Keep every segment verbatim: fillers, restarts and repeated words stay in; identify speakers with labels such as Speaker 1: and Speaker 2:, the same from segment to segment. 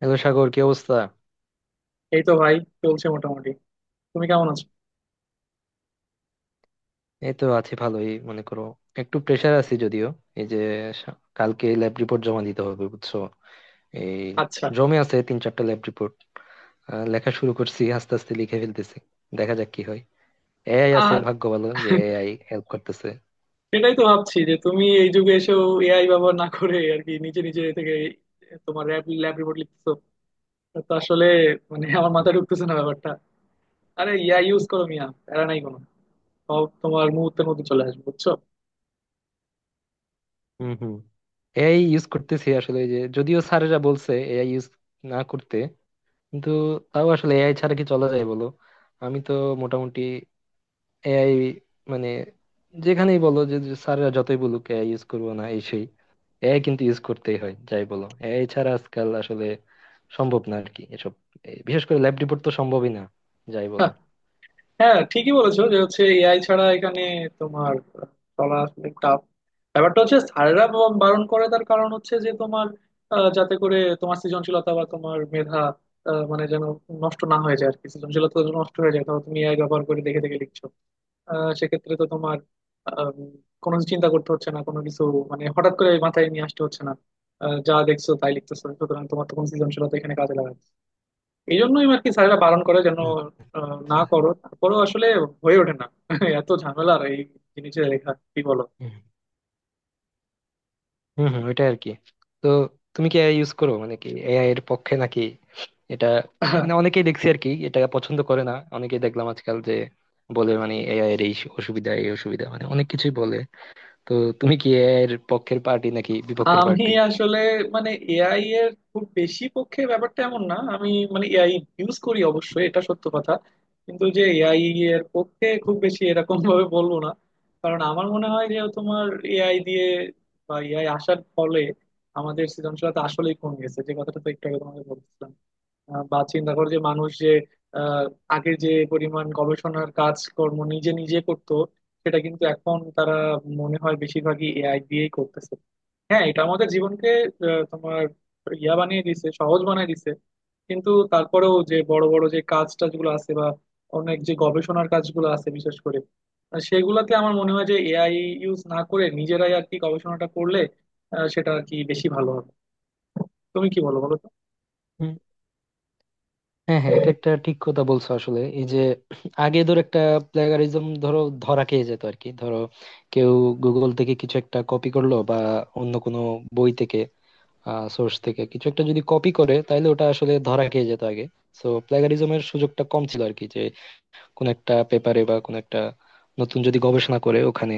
Speaker 1: Hello Sagar, কি অবস্থা?
Speaker 2: এই তো ভাই, চলছে মোটামুটি। তুমি কেমন আছো?
Speaker 1: এই তো আছি, ভালোই মনে করো। একটু প্রেশার আছি যদিও। এই যে, সা- কালকে ল্যাব রিপোর্ট জমা দিতে হবে বুঝছো। এই,
Speaker 2: আচ্ছা।
Speaker 1: জমে আছে তিন চারটা ল্যাব রিপোর্ট। লেখা শুরু করছি, আস্তে আস্তে লিখে ফেলতেছি। দেখা যাক কি হয়। এআই আছে,
Speaker 2: আর
Speaker 1: ভাগ্য ভালো যে এআই হেল্প করতেছে।
Speaker 2: সেটাই তো ভাবছি যে তুমি এই যুগে এসেও এআই ব্যবহার না করে আর কি নিজে নিজে থেকে তোমার ল্যাব ল্যাব রিপোর্ট লিখতেছো। এটা তো আসলে মানে আমার মাথায় ঢুকতেছে না ব্যাপারটা। আরে ইয়া ইউজ করো মিয়া, প্যারা নাই কোনো। সব তোমার মুহূর্তের মধ্যে চলে আসবে বুঝছো।
Speaker 1: হুম হুম। এআই ইউজ করতেছি আসলে, এই যে যদিও স্যারেরা বলছে এআই ইউজ না করতে, কিন্তু তাও আসলে এআই ছাড়া কি চলা যায় বলো? আমি তো মোটামুটি এআই, মানে যেখানেই বলো যে যে স্যাররা যতই বলুক এআই ইউজ করবো না এই সেই, এআই কিন্তু ইউজ করতেই হয়, যাই বলো এআই ছাড়া আজকাল আসলে সম্ভব না আর কি, এসব এ, বিশেষ করে ল্যাব রিপোর্ট তো সম্ভবই না, যাই বলো।
Speaker 2: হ্যাঁ, ঠিকই বলেছো যে হচ্ছে এআই ছাড়া এখানে তোমার আহ, চলা আসলে টাফ। ব্যাপারটা হচ্ছে স্যাররা ব- বারণ করে, তার কারণ হচ্ছে যে তোমার আহ, যাতে করে তোমার সৃজনশীলতা বা তোমার মেধা আহ, মানে যেন নষ্ট না হয়ে যায় আর কি, সৃজনশীলতা যেন নষ্ট হয়ে যায়। ধরো তুমি এআই ব্যবহার করে দেখে দেখে লিখছো, আহ, সেক্ষেত্রে তো তোমার আহ, কোনো কিছু চিন্তা করতে হচ্ছে না, কোনো কিছু মানে হঠাৎ করে মাথায় নিয়ে আসতে হচ্ছে না। আহ, যা দেখছো তাই লিখতেছো, সুতরাং তোমার তো কোনো সৃজনশীলতা এখানে কাজে লাগাবে না। এই জন্যই আর কি স্যারেরা বারণ করে যেন আহ, না
Speaker 1: আচ্ছা।
Speaker 2: করো, তারপরেও আসলে হয়ে ওঠে না এত ঝামেলার এই জিনিসে লেখা, কি বলো?
Speaker 1: হুম হুম, হুম, ওইটাই আর কি। তো তুমি কি এআই ইউজ করো? মানে কি এআই এর পক্ষে নাকি এটা? মানে অনেকেই দেখছি আর কি এটা পছন্দ করে না, অনেকেই দেখলাম আজকাল যে বলে মানে এআই এর এই অসুবিধা এই অসুবিধা, মানে অনেক কিছুই বলে। তো তুমি কি এর পক্ষের পার্টি নাকি বিপক্ষের
Speaker 2: আমি
Speaker 1: পার্টি?
Speaker 2: আসলে মানে এআই এর খুব বেশি পক্ষে ব্যাপারটা এমন না। আমি মানে এআই ইউজ করি অবশ্যই, এটা সত্য কথা। কিন্তু যে এআই এর পক্ষে খুব বেশি এরকম ভাবে বলবো না। কারণ আমার মনে হয় যে তোমার এআই দিয়ে বা এআই আসার ফলে আমাদের সৃজনশীলতা আসলেই কমে গেছে, যে কথাটা তো একটু আগে তোমাকে বলছিলাম। আহ, বা চিন্তা করো যে মানুষ যে আহ, আগে যে পরিমাণ গবেষণার কাজকর্ম নিজে নিজে করতো সেটা কিন্তু এখন তারা মনে হয় বেশিরভাগই এআই দিয়েই করতেছে। হ্যাঁ, এটা আমাদের জীবনকে আহ, তোমার ইয়া বানিয়ে দিছে, সহজ বানিয়ে দিছে। কিন্তু তারপরেও যে বড় বড় যে কাজ টাজগুলো আছে বা অনেক যে গবেষণার কাজগুলো আছে বিশেষ করে আহ, সেগুলাতে আমার মনে হয় যে এআই ইউজ না করে নিজেরাই আর কি গবেষণাটা করলে আহ, সেটা আর কি বেশি ভালো হবে। তুমি কি বলো, বলো তো?
Speaker 1: হুম, হ্যাঁ হ্যাঁ, এটা একটা ঠিক কথা বলছো আসলে। এই যে আগে ধর একটা প্লেগারিজম, ধরো ধরা খেয়ে যেত আর কি। ধরো কেউ গুগল থেকে কিছু একটা কপি করলো বা অন্য কোনো বই থেকে সোর্স থেকে কিছু একটা যদি কপি করে, তাহলে ওটা আসলে ধরা খেয়ে যেত আগে। তো প্লেগারিজমের সুযোগটা কম ছিল আর কি, যে কোন একটা পেপারে বা কোন একটা নতুন যদি গবেষণা করে ওখানে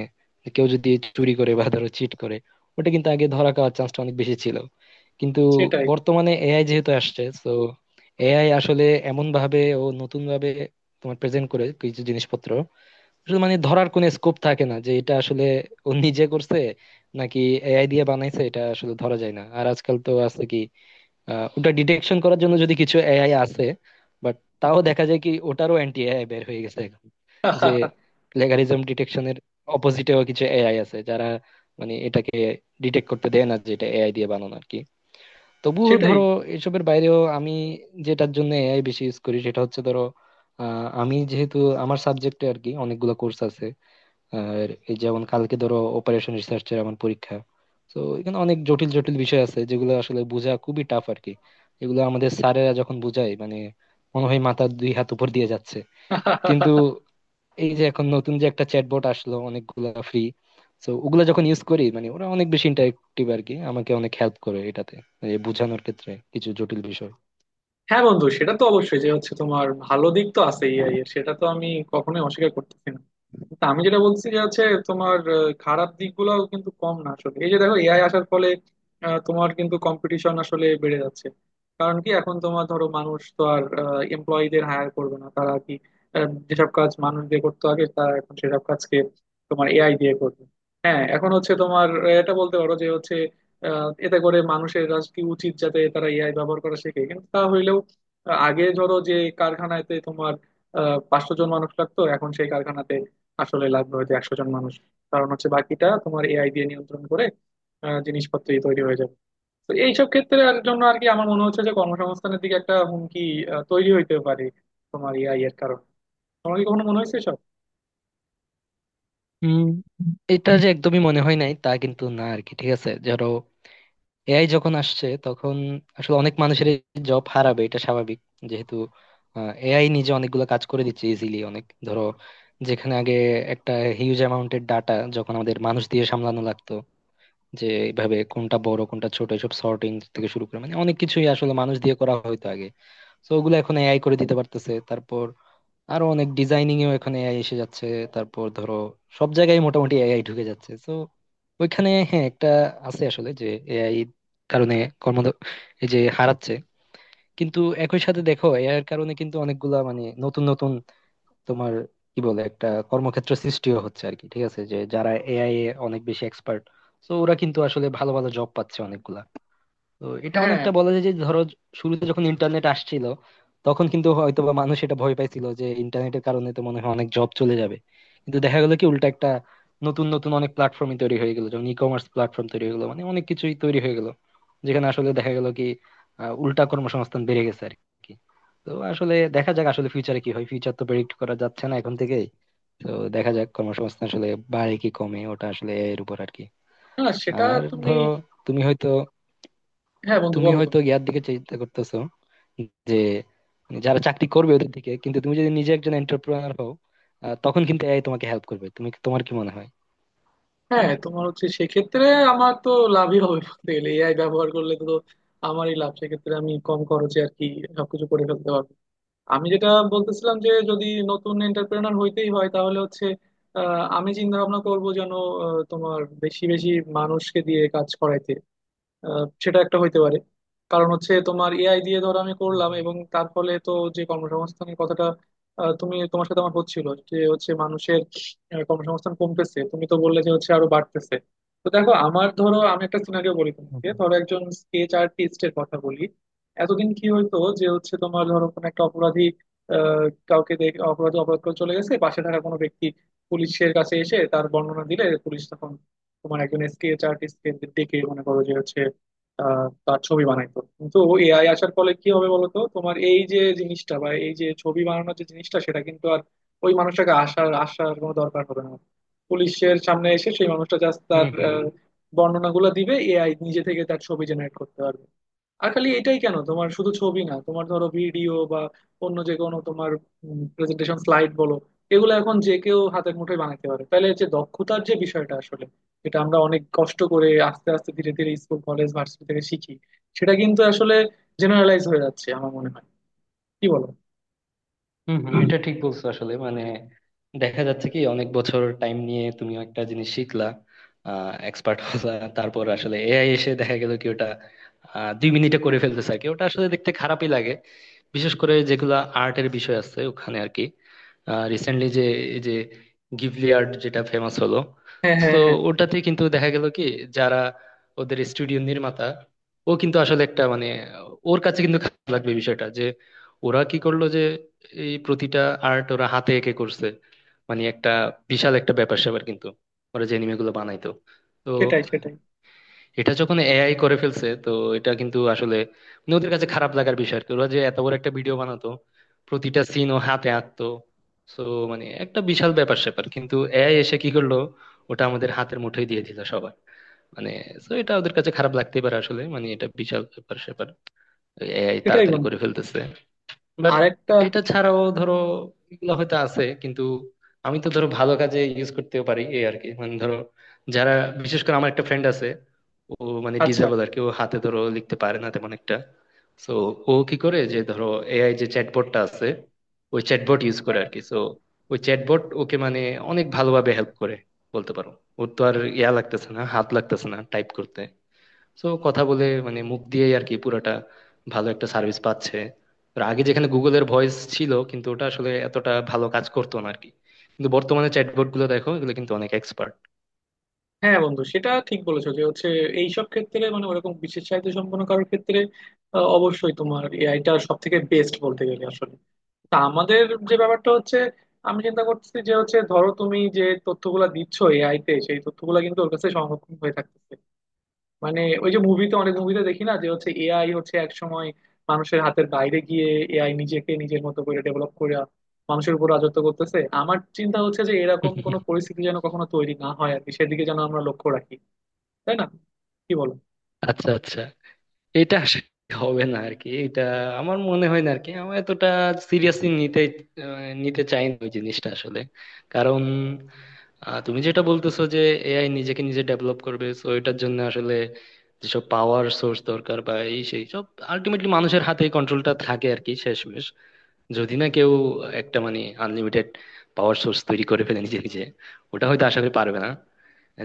Speaker 1: কেউ যদি চুরি করে বা ধরো চিট করে, ওটা কিন্তু আগে ধরা খাওয়ার চান্সটা অনেক বেশি ছিল। কিন্তু
Speaker 2: সেটাই।
Speaker 1: বর্তমানে এআই যেহেতু আসছে, তো এআই আসলে এমন ভাবে ও নতুন ভাবে তোমার প্রেজেন্ট করে কিছু জিনিসপত্র, আসলে মানে ধরার কোনো স্কোপ থাকে না যে এটা আসলে ও নিজে করছে নাকি এআই দিয়ে বানাইছে, এটা আসলে ধরা যায় না। আর আজকাল তো আছে কি, আহ, ওটা ডিটেকশন করার জন্য যদি কিছু এআই আছে, বাট তাও দেখা যায় কি ওটারও অ্যান্টি এআই বের হয়ে গেছে এখন, যে প্লেগারিজম ডিটেকশনের অপোজিটেও কিছু এআই আছে যারা মানে এটাকে ডিটেক্ট করতে দেয় না যে এটা এআই দিয়ে বানানো আর কি। তবুও
Speaker 2: সেটাই।
Speaker 1: ধরো এসবের বাইরেও আমি যেটার জন্য এআই বেশি ইউজ করি, সেটা হচ্ছে ধরো আহ, আমি যেহেতু আমার সাবজেক্টে আর কি অনেকগুলো কোর্স আছে, আর এই যেমন কালকে ধরো অপারেশন রিসার্চের আমার পরীক্ষা। তো এখানে অনেক জটিল জটিল বিষয় আছে যেগুলো আসলে বোঝা খুবই টাফ আর কি। এগুলো আমাদের স্যারেরা যখন বোঝায় মানে, মনে হয় মাথার দুই হাত উপর দিয়ে যাচ্ছে। কিন্তু এই যে এখন নতুন যে একটা চ্যাটবট আসলো অনেকগুলা ফ্রি, তো ওগুলা যখন ইউজ করি মানে ওরা অনেক বেশি ইন্টারেক্টিভ আর কি, আমাকে অনেক হেল্প করে এটাতে, মানে বোঝানোর ক্ষেত্রে কিছু জটিল বিষয়।
Speaker 2: হ্যাঁ বন্ধু, সেটা তো অবশ্যই, যে হচ্ছে তোমার ভালো দিক তো আছে এআই এর, সেটা তো আমি কখনোই অস্বীকার করতেছি না। তা আমি যেটা বলছি যে হচ্ছে তোমার আহ, খারাপ দিকগুলোও কিন্তু কম না আসলে। এই যে দেখো এআই আসার ফলে আহ, তোমার কিন্তু কম্পিটিশন আসলে বেড়ে যাচ্ছে। কারণ কি এখন তোমার ধরো মানুষ তো আর এমপ্লয়ীদের হায়ার করবে না, তারা কি আহ, যেসব কাজ মানুষ দিয়ে করতে আগে, তারা এখন সেসব কাজকে তোমার এআই দিয়ে করবে। হ্যাঁ, এখন হচ্ছে তোমার আহ, এটা বলতে পারো যে হচ্ছে আহ, এতে করে মানুষের আজ কি উচিত যাতে তারা এআই ব্যবহার করা শেখে। কিন্তু তা হইলেও আহ, আগে ধরো যে কারখানাতে তোমার আহ পাঁচশো জন মানুষ লাগতো, এখন সেই কারখানাতে আসলে লাগবে হয়তো একশো জন মানুষ। কারণ হচ্ছে বাকিটা তোমার এআই দিয়ে নিয়ন্ত্রণ করে আহ, জিনিসপত্রই তৈরি হয়ে যাবে। তো এইসব ক্ষেত্রে আর জন্য আর কি আমার মনে হচ্ছে যে কর্মসংস্থানের দিকে একটা হুমকি আহ, তৈরি হইতে পারে তোমার এআই এর কারণে। তোমার কি কখনো মনে হয়েছে? সব
Speaker 1: উম এটা যে একদমই মনে হয় নাই তা কিন্তু না আর কি। ঠিক আছে ধরো এআই যখন আসছে তখন আসলে অনেক মানুষের জব হারাবে এটা স্বাভাবিক, যেহেতু এআই নিজে অনেকগুলো কাজ করে দিচ্ছে ইজিলি। অনেক ধরো যেখানে আগে একটা হিউজ অ্যামাউন্টের ডাটা যখন আমাদের মানুষ দিয়ে সামলানো লাগতো, যে এইভাবে কোনটা বড় কোনটা ছোট এসব সর্টিং থেকে শুরু করে মানে অনেক কিছুই আসলে মানুষ দিয়ে করা হয়তো আগে, তো ওগুলো এখন এআই করে দিতে পারতেছে। তারপর আরো অনেক ডিজাইনিং এও এখন এআই এসে যাচ্ছে। তারপর ধরো সব জায়গায় মোটামুটি এআই ঢুকে যাচ্ছে, তো ওইখানে হ্যাঁ একটা আছে আসলে, যে এআই কারণে কর্ম এই যে হারাচ্ছে। কিন্তু একই সাথে দেখো এআই এর কারণে কিন্তু অনেকগুলা মানে নতুন নতুন তোমার কি বলে একটা কর্মক্ষেত্র সৃষ্টিও হচ্ছে আর কি। ঠিক আছে, যে যারা এআই এ অনেক বেশি এক্সপার্ট, তো ওরা কিন্তু আসলে ভালো ভালো জব পাচ্ছে অনেকগুলা। তো এটা
Speaker 2: হ্যাঁ,
Speaker 1: অনেকটা বলা যায় যে ধরো শুরুতে যখন ইন্টারনেট আসছিল, তখন কিন্তু হয়তো বা মানুষ এটা ভয় পাইছিল যে ইন্টারনেটের কারণে তো মনে হয় অনেক জব চলে যাবে। কিন্তু দেখা গেলো কি উল্টা একটা, নতুন নতুন অনেক প্ল্যাটফর্মই তৈরি হয়ে গেলো, যেমন ই কমার্স প্ল্যাটফর্ম তৈরি হয়ে গেলো, মানে অনেক কিছুই তৈরি হয়ে গেলো যেখানে আসলে দেখা গেলো কি আহ, উল্টা কর্মসংস্থান বেড়ে গেছে আর কি। তো আসলে দেখা যাক আসলে ফিউচারে কি হয়, ফিউচার তো প্রেডিক্ট করা যাচ্ছে না এখন থেকেই। তো দেখা যাক কর্মসংস্থান আসলে বাড়ে কি কমে, ওটা আসলে এর উপর আর কি।
Speaker 2: হ্যাঁ সেটা
Speaker 1: আর
Speaker 2: তুমি।
Speaker 1: ধরো তুমি হয়তো
Speaker 2: হ্যাঁ বন্ধু,
Speaker 1: তুমি
Speaker 2: বলো তো।
Speaker 1: হয়তো ইয়ার দিকে চিন্তা করতেছো, যে মানে যারা চাকরি করবে ওদের দিকে, কিন্তু তুমি যদি নিজে একজন এন্টারপ্রেনার হও, আহ, তখন কিন্তু এআই তোমাকে হেল্প করবে। তুমি, তোমার কি মনে হয়?
Speaker 2: হ্যাঁ, তোমার হচ্ছে সেক্ষেত্রে আমার তো লাভই হবে বলতে গেলে, এআই ব্যবহার করলে তো আমারই লাভ সেক্ষেত্রে। আমি কম খরচে আর কি সবকিছু করে ফেলতে পারবো। আমি যেটা বলতেছিলাম যে যদি নতুন এন্টারপ্রেনার হইতেই হয় তাহলে হচ্ছে আহ, আমি চিন্তা ভাবনা করবো যেন আহ, তোমার বেশি বেশি মানুষকে দিয়ে কাজ করাইতে, আহ, সেটা একটা হইতে পারে। কারণ হচ্ছে তোমার এআই দিয়ে ধর আমি
Speaker 1: হুম
Speaker 2: করলাম
Speaker 1: হুম।
Speaker 2: এবং তার ফলে তো যে কর্মসংস্থানের কথাটা আহ, তুমি তোমার সাথে আমার হচ্ছিল, যে হচ্ছে মানুষের আহ, কর্মসংস্থান কমতেছে, তুমি তো বললে যে হচ্ছে আরো বাড়তেছে। তো দেখো, আমার ধরো আমি একটা সিনারিও বলি তোমাকে, ধরো একজন স্কেচ আর্টিস্টের কথা বলি। এতদিন কি হইতো যে হচ্ছে তোমার ধরো কোনো একটা অপরাধী আহ, কাউকে দেখে, অপরাধী অপরাধ করে চলে গেছে, পাশে থাকা কোনো ব্যক্তি পুলিশের কাছে এসে তার বর্ণনা দিলে পুলিশ তখন তোমার একজন স্কেচ আর্টিস্টকে ডেকে মনে করো যে হচ্ছে আহ, তার ছবি বানাইতো। কিন্তু এআই আসার ফলে কি হবে বলতো, তোমার এই যে জিনিসটা বা এই যে ছবি বানানোর যে জিনিসটা সেটা কিন্তু আর ওই মানুষটাকে আসার আসার কোনো দরকার হবে না। পুলিশের সামনে এসে সেই মানুষটা জাস্ট তার
Speaker 1: হুম, হুম।
Speaker 2: আহ, বর্ণনাগুলো দিবে, এআই নিজে থেকে তার ছবি জেনারেট করতে পারবে। আর খালি এটাই কেন, তোমার শুধু ছবি না, তোমার ধরো ভিডিও বা অন্য যে কোনো তোমার প্রেজেন্টেশন স্লাইড বলো, এগুলো এখন যে কেউ হাতের মুঠোয় বানাতে পারে। তাহলে যে দক্ষতার যে বিষয়টা আসলে, এটা আমরা অনেক কষ্ট করে আস্তে আস্তে ধীরে ধীরে স্কুল কলেজ ভার্সিটি থেকে শিখি, সেটা কিন্তু আসলে জেনারেলাইজ হয়ে যাচ্ছে আমার মনে হয়। কি বলো?
Speaker 1: হম হম, এটা ঠিক বলছো আসলে, মানে দেখা যাচ্ছে কি অনেক বছর টাইম নিয়ে তুমি একটা জিনিস শিখলা, এক্সপার্ট হলা, তারপর আসলে এআই এসে দেখা গেল কি ওটা আহ, দুই মিনিটে করে ফেলতেছে আর কি। ওটা আসলে দেখতে খারাপই লাগে, বিশেষ করে যেগুলা আর্টের বিষয় আছে ওখানে আর কি। রিসেন্টলি যে এই যে গিবলি আর্ট যেটা ফেমাস হলো,
Speaker 2: হ্যাঁ, হ্যাঁ,
Speaker 1: তো
Speaker 2: হ্যাঁ।
Speaker 1: ওটাতে কিন্তু দেখা গেল কি যারা ওদের স্টুডিও নির্মাতা, ও কিন্তু আসলে একটা মানে ওর কাছে কিন্তু খারাপ লাগবে বিষয়টা, যে ওরা কি করলো যে এই প্রতিটা আর্ট ওরা হাতে এঁকে করছে। মানে একটা বিশাল একটা ব্যাপার স্যাপার কিন্তু, ওরা যে অ্যানিমে গুলো বানাইতো, তো
Speaker 2: সেটাই, সেটাই।
Speaker 1: এটা যখন এআই করে ফেলছে তো এটা কিন্তু আসলে মানে ওদের কাছে খারাপ লাগার বিষয় আর কি। ওরা যে এত বড় একটা ভিডিও বানাতো, প্রতিটা সিন ও হাতে আঁকতো, তো মানে একটা বিশাল ব্যাপার স্যাপার। কিন্তু এআই এসে কি করলো, ওটা আমাদের হাতের মুঠোয় দিয়ে দিল সবার মানে। তো এটা ওদের কাছে খারাপ লাগতেই পারে আসলে, মানে এটা বিশাল ব্যাপার স্যাপার, এআই
Speaker 2: সেটাই
Speaker 1: তাড়াতাড়ি
Speaker 2: বন্ধু।
Speaker 1: করে ফেলতেছে। বাট
Speaker 2: আরেকটা
Speaker 1: এটা ছাড়াও ধরো এগুলো হয়তো আছে কিন্তু, আমি তো ধরো ভালো কাজে ইউজ করতেও পারি এই আর কি। মানে ধরো যারা বিশেষ করে, আমার একটা ফ্রেন্ড আছে, ও মানে
Speaker 2: আচ্ছা।
Speaker 1: ডিজেবল আর কি, ও হাতে ধরো লিখতে পারে না তেমন একটা। সো ও কি করে যে, ধরো এআই যে চ্যাটবটটা আছে ওই চ্যাটবট ইউজ করে আর কি। সো ওই চ্যাটবট ওকে মানে অনেক ভালোভাবে হেল্প করে বলতে পারো। ওর তো আর ইয়া লাগতেছে না, হাত লাগতেছে না টাইপ করতে, সো কথা বলে মানে মুখ দিয়েই আর কি পুরোটা ভালো একটা সার্ভিস পাচ্ছে। আর আগে যেখানে গুগলের ভয়েস ছিল, কিন্তু ওটা আসলে এতটা ভালো কাজ করতো না আর কি, কিন্তু বর্তমানে চ্যাটবট গুলো দেখো এগুলো কিন্তু অনেক এক্সপার্ট।
Speaker 2: হ্যাঁ বন্ধু, সেটা ঠিক বলেছো যে হচ্ছে এইসব ক্ষেত্রে মানে ওরকম বিশেষ চাহিদা সম্পন্ন কারোর ক্ষেত্রে আহ, অবশ্যই তোমার এআইটা সব থেকে বেস্ট বলতে গেলে আসলে। তা আমাদের যে ব্যাপারটা হচ্ছে, আমি চিন্তা করছি যে হচ্ছে ধরো তুমি যে তথ্যগুলা দিচ্ছ এআই তে, সেই তথ্যগুলা কিন্তু ওর কাছে সংরক্ষণ হয়ে থাকতেছে। মানে ওই যে মুভিতে, অনেক মুভিতে দেখি না যে হচ্ছে এআই হচ্ছে এক সময় মানুষের হাতের বাইরে গিয়ে এআই নিজেকে নিজের মতো করে ডেভেলপ করে মানুষের উপর রাজত্ব করতেছে। আমার চিন্তা হচ্ছে যে এরকম কোনো পরিস্থিতি যেন কখনো তৈরি না হয় আর কি, সেদিকে যেন আমরা লক্ষ্য রাখি। তাই না? কি বলো?
Speaker 1: আচ্ছা আচ্ছা, এটা আসলে হবে না আর কি এটা, আমার মনে হয় না আর কি। আমার এতটা সিরিয়াসলি নিতে, আহ, নিতে চাই না ওই জিনিসটা আসলে। কারণ আহ, তুমি যেটা বলতেছো যে এআই নিজেকে নিজে ডেভেলপ করবে, তো এটার জন্য আসলে যেসব পাওয়ার সোর্স দরকার বা এই সেই সব, আলটিমেটলি মানুষের হাতে কন্ট্রোলটা থাকে আর কি শেষমেশ। যদি না কেউ একটা মানে আনলিমিটেড পাওয়ার সোর্স তৈরি করে ফেলে নিজে নিজে, ওটা হয়তো আশা করি পারবে না।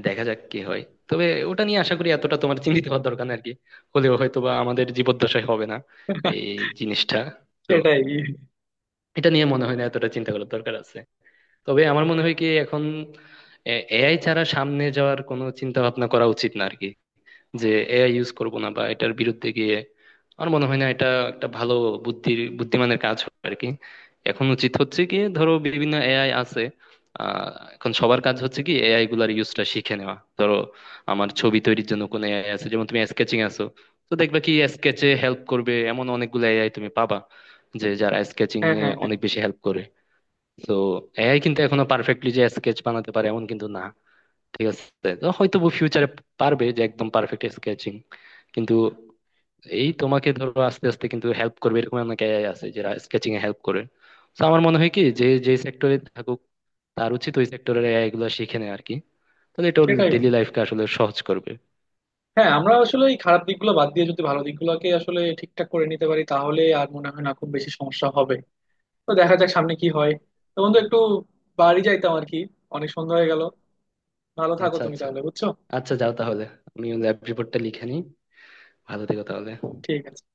Speaker 1: দেখা যাক কি হয়। তবে ওটা নিয়ে আশা করি এতটা তোমার চিন্তিত হওয়ার দরকার নেই আর কি, হলেও হয়তো বা আমাদের জীবদ্দশায় হবে না এই জিনিসটা। তো
Speaker 2: সেটাই।
Speaker 1: এটা নিয়ে মনে হয় না এতটা চিন্তা করার দরকার আছে। তবে আমার মনে হয় কি এখন এআই ছাড়া সামনে যাওয়ার কোনো চিন্তা ভাবনা করা উচিত না আর কি, যে এআই ইউজ করব না বা এটার বিরুদ্ধে গিয়ে। আমার মনে হয় না এটা একটা ভালো বুদ্ধির বুদ্ধিমানের কাজ হবে আর কি। এখন উচিত হচ্ছে কি ধরো বিভিন্ন এআই আছে, আহ, এখন সবার কাজ হচ্ছে কি এআই গুলার ইউজটা শিখে নেওয়া। ধরো আমার ছবি তৈরির জন্য কোনো এআই আছে, যেমন তুমি স্কেচিং আছো, তো দেখবে কি স্কেচে হেল্প করবে এমন অনেকগুলো এআই তুমি পাবা, যে যারা স্কেচিং
Speaker 2: হ্যাঁ,
Speaker 1: এ
Speaker 2: হ্যাঁ, হ্যাঁ।
Speaker 1: অনেক বেশি হেল্প করে। তো এআই কিন্তু এখনো পারফেক্টলি যে স্কেচ বানাতে পারে এমন কিন্তু না, ঠিক আছে? তো হয়তো ফিউচারে পারবে, যে একদম পারফেক্ট স্কেচিং, কিন্তু এই তোমাকে ধরো আস্তে আস্তে কিন্তু হেল্প করবে এরকম অনেক এআই আছে যারা স্কেচিং এ হেল্প করে। তো আমার মনে হয় কি যে যে সেক্টরে থাকুক, তার উচিত ওই সেক্টরের এআই গুলো শিখে নেয় আর কি, তাহলে এটা ওর
Speaker 2: সেটাই
Speaker 1: ডেইলি
Speaker 2: বন্ধু।
Speaker 1: লাইফকে আসলে সহজ করবে।
Speaker 2: হ্যাঁ, আমরা আসলে এই খারাপ দিকগুলো বাদ দিয়ে যদি ভালো দিকগুলোকে আসলে ঠিকঠাক করে নিতে পারি তাহলে আর মনে হয় না খুব বেশি সমস্যা হবে। তো দেখা যাক সামনে কি হয়। তো বন্ধু, একটু বাড়ি যাইতাম আর কি, অনেক সন্ধ্যা হয়ে গেল। ভালো থাকো
Speaker 1: আচ্ছা
Speaker 2: তুমি
Speaker 1: আচ্ছা,
Speaker 2: তাহলে, বুঝছো।
Speaker 1: আচ্ছা যাও তাহলে, আমি ল্যাব রিপোর্টটা লিখে নিই। ভালো থেকো তাহলে।
Speaker 2: ঠিক আছে।